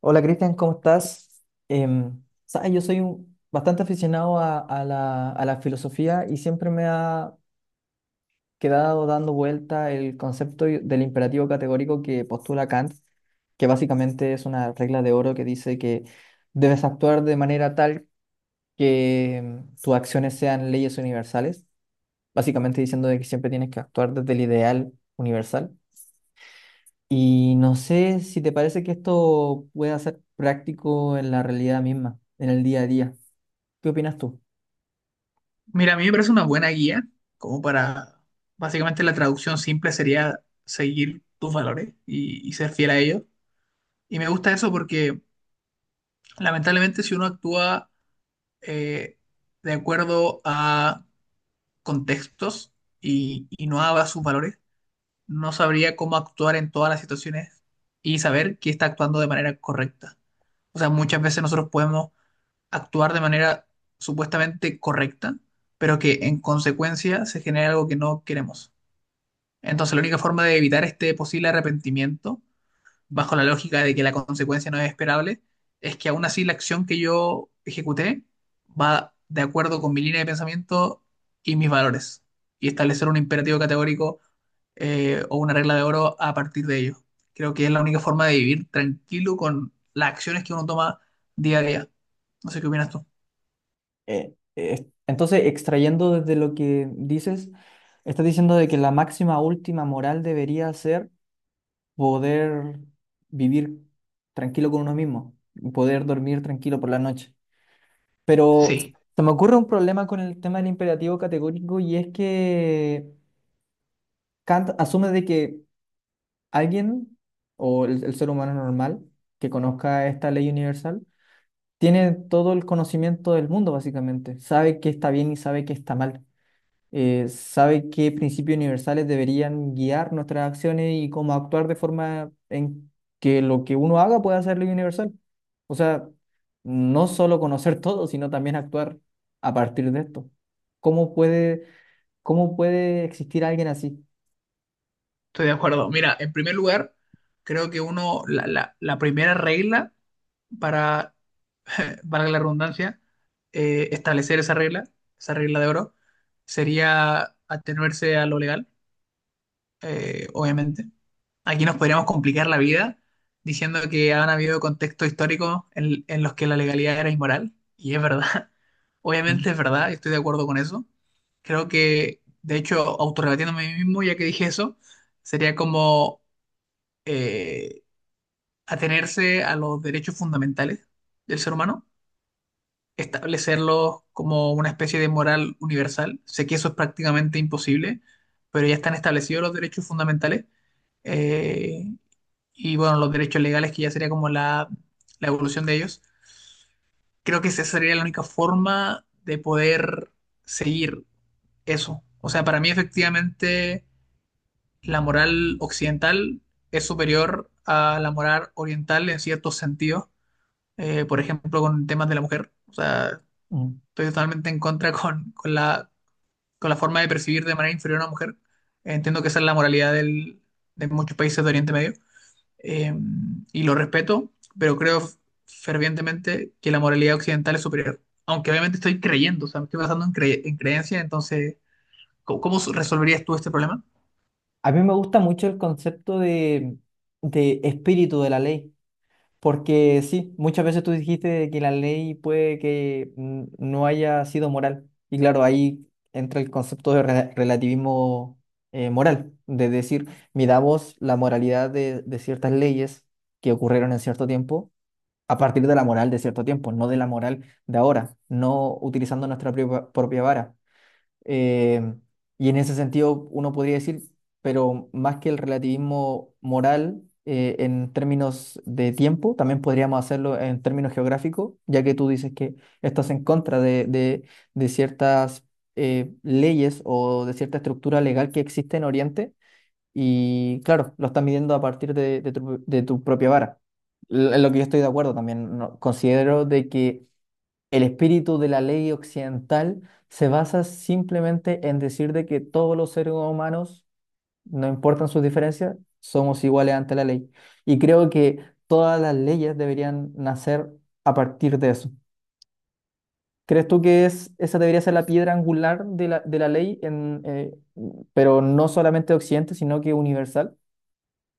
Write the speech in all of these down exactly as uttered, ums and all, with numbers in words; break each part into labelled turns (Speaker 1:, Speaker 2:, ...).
Speaker 1: Hola, Cristian, ¿cómo estás? Em, sabes, yo soy un- bastante aficionado a, a la, a la filosofía y siempre me ha quedado dando vuelta el concepto y- del imperativo categórico que postula Kant, que básicamente es una regla de oro que dice que debes actuar de manera tal que em, tus acciones sean leyes universales, básicamente diciendo de que siempre tienes que actuar desde el ideal universal. Y no sé si te parece que esto pueda ser práctico en la realidad misma, en el día a día. ¿Qué opinas tú?
Speaker 2: Mira, a mí me parece una buena guía, como para, básicamente la traducción simple sería seguir tus valores y, y ser fiel a ellos. Y me gusta eso porque lamentablemente si uno actúa eh, de acuerdo a contextos y, y no a sus valores, no sabría cómo actuar en todas las situaciones y saber que está actuando de manera correcta. O sea, muchas veces nosotros podemos actuar de manera supuestamente correcta, pero que en consecuencia se genera algo que no queremos. Entonces, la única forma de evitar este posible arrepentimiento, bajo la lógica de que la consecuencia no es esperable, es que aún así la acción que yo ejecuté va de acuerdo con mi línea de pensamiento y mis valores, y establecer un imperativo categórico eh, o una regla de oro a partir de ello. Creo que es la única forma de vivir tranquilo con las acciones que uno toma día a día. No sé qué opinas tú.
Speaker 1: Eh, eh, entonces, extrayendo desde lo que dices, estás diciendo de que la máxima última moral debería ser poder vivir tranquilo con uno mismo, y poder dormir tranquilo por la noche. Pero
Speaker 2: Sí.
Speaker 1: se me ocurre un problema con el tema del imperativo categórico y es que Kant asume de que alguien o el, el ser humano normal que conozca esta ley universal tiene todo el conocimiento del mundo, básicamente. Sabe qué está bien y sabe qué está mal. Eh, sabe qué principios universales deberían guiar nuestras acciones y cómo actuar de forma en que lo que uno haga pueda ser ley universal. O sea, no solo conocer todo, sino también actuar a partir de esto. ¿Cómo puede, ¿cómo puede existir alguien así?
Speaker 2: Estoy de acuerdo. Mira, en primer lugar, creo que uno, la, la- la primera regla para, valga la redundancia, eh, establecer esa regla, esa regla de oro, sería atenerse a lo legal eh, obviamente. Aquí nos podríamos complicar la vida diciendo que han habido contextos históricos en, en los que la legalidad era inmoral, y es verdad. Obviamente
Speaker 1: Mm.
Speaker 2: es verdad, estoy de acuerdo con eso. Creo que, de hecho, autorrebatiéndome a mí mismo, ya que dije eso, sería como eh, atenerse a los derechos fundamentales del ser humano, establecerlos como una especie de moral universal. Sé que eso es prácticamente imposible, pero ya están establecidos los derechos fundamentales eh, y bueno, los derechos legales, que ya sería como la, la evolución de ellos. Creo que esa sería la única forma de poder seguir eso. O sea, para mí efectivamente la moral occidental es superior a la moral oriental en ciertos sentidos, eh, por ejemplo, con temas de la mujer. O sea,
Speaker 1: Mm.
Speaker 2: estoy totalmente en contra con, con la, con la forma de percibir de manera inferior a una mujer. Entiendo que esa es la moralidad del- de muchos países de Oriente Medio eh, y lo respeto, pero creo fervientemente que la moralidad occidental es superior. Aunque obviamente estoy creyendo, o sea, me estoy basando en, cre- en creencia, entonces, ¿cómo, cómo resolverías tú este problema?
Speaker 1: A mí me gusta mucho el concepto de, de espíritu de la ley, porque sí, muchas veces tú dijiste de que la ley puede que mm, no haya sido moral, y claro, ahí entra el concepto de rela- relativismo eh, moral, de decir, miramos la moralidad de, de ciertas leyes que ocurrieron en cierto tiempo a partir de la moral de cierto tiempo, no de la moral de ahora, no utilizando nuestra propia propia vara. Eh, y en ese sentido, uno podría decir, pero más que el relativismo moral eh, en términos de tiempo, también podríamos hacerlo en términos geográficos, ya que tú dices que estás en contra de, de- de ciertas eh, leyes o de cierta estructura legal que existe en Oriente. Y claro, lo estás midiendo a partir de, de tu, de tu propia vara. L- En lo que yo estoy de acuerdo también, no- considero de que el espíritu de la ley occidental se basa simplemente en decir de que todos los seres humanos, no importan sus diferencias, somos iguales ante la ley. Y creo que todas las leyes deberían nacer a partir de eso. ¿Crees tú que es, esa debería ser la piedra angular de la, de la ley, en, eh, pero no solamente de Occidente, sino que universal?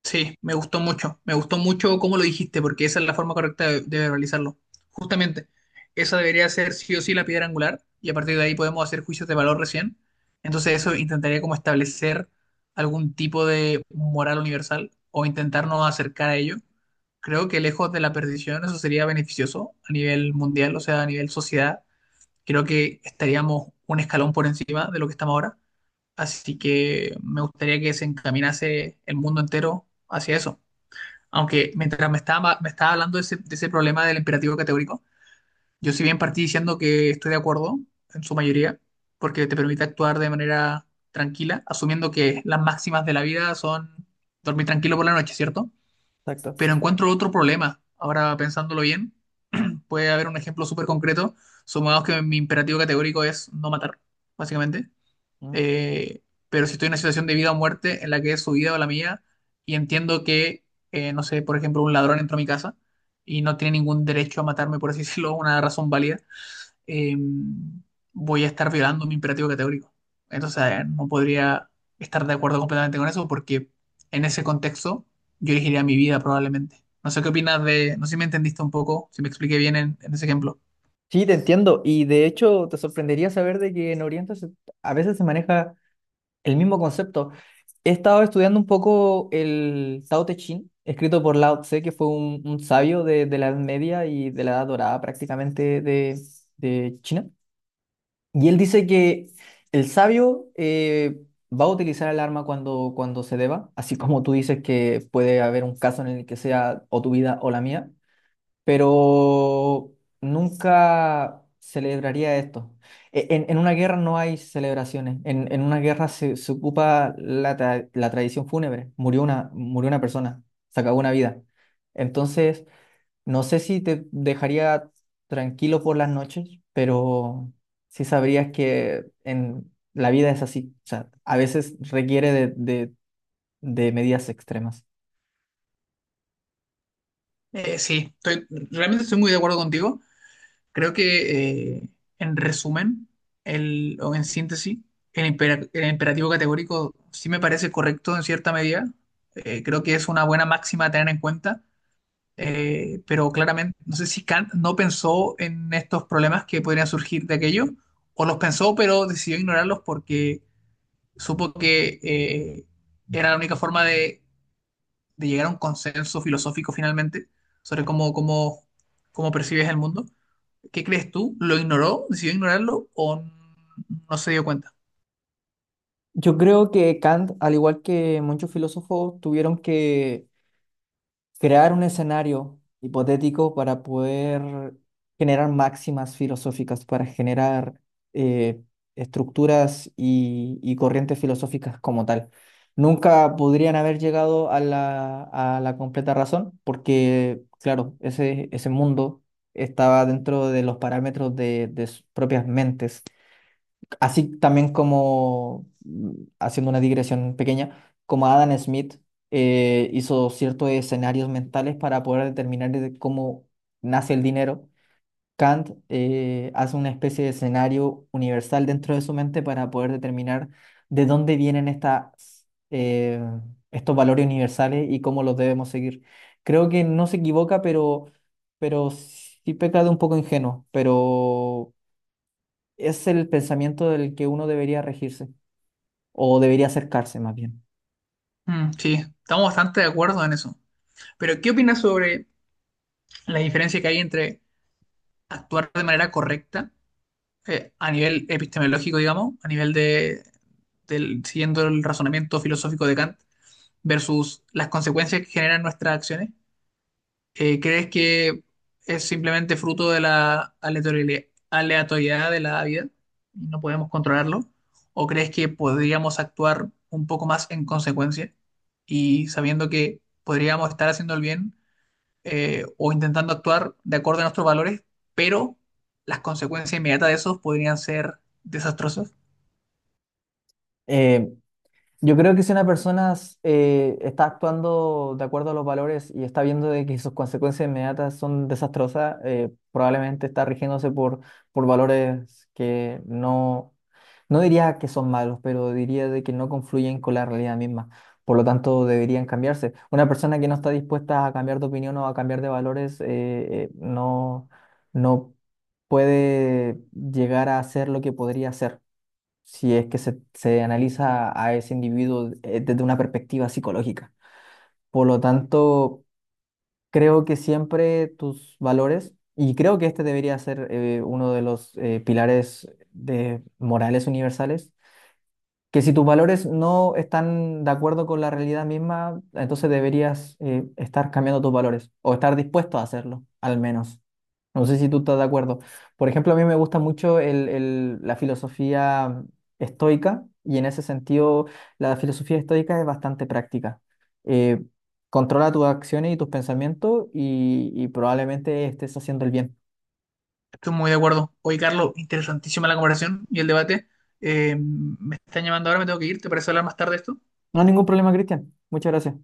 Speaker 2: Sí, me gustó mucho, me gustó mucho cómo lo dijiste, porque esa es la forma correcta de, de realizarlo. Justamente, esa debería ser sí o sí la piedra angular, y a partir de ahí podemos hacer juicios de valor recién. Entonces eso intentaría como establecer algún tipo de moral universal o intentarnos acercar a ello. Creo que lejos de la perdición eso sería beneficioso a nivel mundial, o sea, a nivel sociedad, creo que estaríamos un escalón por encima de lo que estamos ahora. Así que me gustaría que se encaminase el mundo entero hacia eso. Aunque mientras me estaba, me estaba hablando de ese, de ese problema del imperativo categórico, yo si bien partí diciendo que estoy de acuerdo en su mayoría, porque te permite actuar de manera tranquila, asumiendo que las máximas de la vida son dormir tranquilo por la noche, ¿cierto?
Speaker 1: Exacto.
Speaker 2: Pero encuentro otro problema, ahora pensándolo bien, puede haber un ejemplo súper concreto. Supongamos que mi imperativo categórico es no matar, básicamente.
Speaker 1: Mm.
Speaker 2: Eh, pero si estoy en una situación de vida o muerte en la que es su vida o la mía y entiendo que, eh, no sé, por ejemplo, un ladrón entró a mi casa y no tiene ningún derecho a matarme, por así decirlo, una razón válida, eh, voy a estar violando mi imperativo categórico. Entonces, eh, no podría estar de acuerdo completamente con eso porque en ese contexto yo elegiría mi vida probablemente. No sé qué opinas de, no sé si me entendiste un poco, si me expliqué bien en, en ese ejemplo.
Speaker 1: Sí, te entiendo. Y de hecho, te sorprendería saber de que en Oriente se- a veces se maneja el mismo concepto. He estado estudiando un poco el Tao Te Ching, escrito por Lao Tse, que fue un, un sabio de, de la Edad Media y de la Edad Dorada prácticamente de, de China. Y él dice que el sabio eh, va a utilizar el arma cuando, cuando se deba, así como tú dices que puede haber un caso en el que sea o tu vida o la mía, pero nunca celebraría esto. E- En, en una guerra no hay celebraciones, en, en una guerra se, se ocupa la, tra- la tradición fúnebre, murió una, murió una persona, se acabó una vida. Entonces, no sé si te dejaría tranquilo por las noches, pero sí sabrías que en, la vida es así, o sea, a veces requiere de, de de medidas extremas.
Speaker 2: Eh, sí, estoy, realmente estoy muy de acuerdo contigo. Creo que eh, en resumen, el, o en síntesis, el, impera- el imperativo categórico sí me parece correcto en cierta medida. Eh, creo que es una buena máxima a tener en cuenta eh, pero claramente no sé si Kant no pensó en estos problemas que podrían surgir de aquello, o los pensó, pero decidió ignorarlos porque supo que eh, era la única forma de, de llegar a un consenso filosófico finalmente sobre cómo, cómo, cómo percibes el mundo. ¿Qué crees tú? ¿Lo ignoró? ¿Decidió ignorarlo o n- no se dio cuenta?
Speaker 1: Yo creo que Kant, al igual que muchos filósofos, tuvieron que crear un escenario hipotético para poder generar máximas filosóficas, para generar eh, estructuras y, y corrientes filosóficas como tal. Nunca podrían haber llegado a la, a la completa razón porque, claro, ese, ese mundo estaba dentro de los parámetros de, de sus propias mentes. Así también como, mm, haciendo una digresión pequeña, como Adam Smith eh, hizo ciertos escenarios mentales para poder determinar de cómo nace el dinero, Kant eh, hace una especie de escenario universal dentro de su mente para poder determinar de dónde vienen estas, eh, estos valores universales y cómo los debemos seguir. Creo que no se equivoca, pero, pero sí peca de un poco ingenuo, pero es el pensamiento del que uno debería regirse o debería acercarse más bien.
Speaker 2: Mm, sí, estamos bastante de acuerdo en eso. Pero, ¿qué opinas sobre la diferencia que hay entre actuar de manera correcta eh, a nivel epistemológico, digamos, a nivel de, del- siguiendo el razonamiento filosófico de Kant versus las consecuencias que generan nuestras acciones, eh, ¿crees que es simplemente fruto de la aleatoriali- aleatoriedad de la vida y no podemos controlarlo? ¿O crees que podríamos actuar un poco más en consecuencia y sabiendo que podríamos estar haciendo el bien eh, o intentando actuar de acuerdo a nuestros valores, pero las consecuencias inmediatas de esos podrían ser desastrosas?
Speaker 1: Eh, Yo creo que si una persona eh, está actuando de acuerdo a los valores y está viendo de que sus consecuencias inmediatas son desastrosas, eh, probablemente está rigiéndose por, por valores que no, no diría que son malos, pero diría de que no confluyen con la realidad misma. Por lo tanto, deberían cambiarse. Una persona que no está dispuesta a cambiar de opinión o a cambiar de valores, eh, eh, no, no puede llegar a hacer lo que podría hacer si es que se, se analiza a ese individuo eh, desde una perspectiva psicológica. Por lo tanto, creo que siempre tus valores, y creo que este debería ser eh, uno de los eh, pilares de morales universales, que si tus valores no están de acuerdo con la realidad misma, entonces deberías eh, estar cambiando tus valores o estar dispuesto a hacerlo, al menos. No sé si tú estás de acuerdo. Por ejemplo, a mí me gusta mucho el- el- la filosofía estoica y en ese sentido la filosofía estoica es bastante práctica. Eh, Controla tus acciones y tus pensamientos y, y probablemente estés haciendo el bien.
Speaker 2: Estoy muy de acuerdo. Oye, Carlos, interesantísima la conversación y el debate. Eh, me están llamando ahora, me tengo que ir. ¿Te parece hablar más tarde de esto?
Speaker 1: No hay ningún problema, Cristian. Muchas gracias.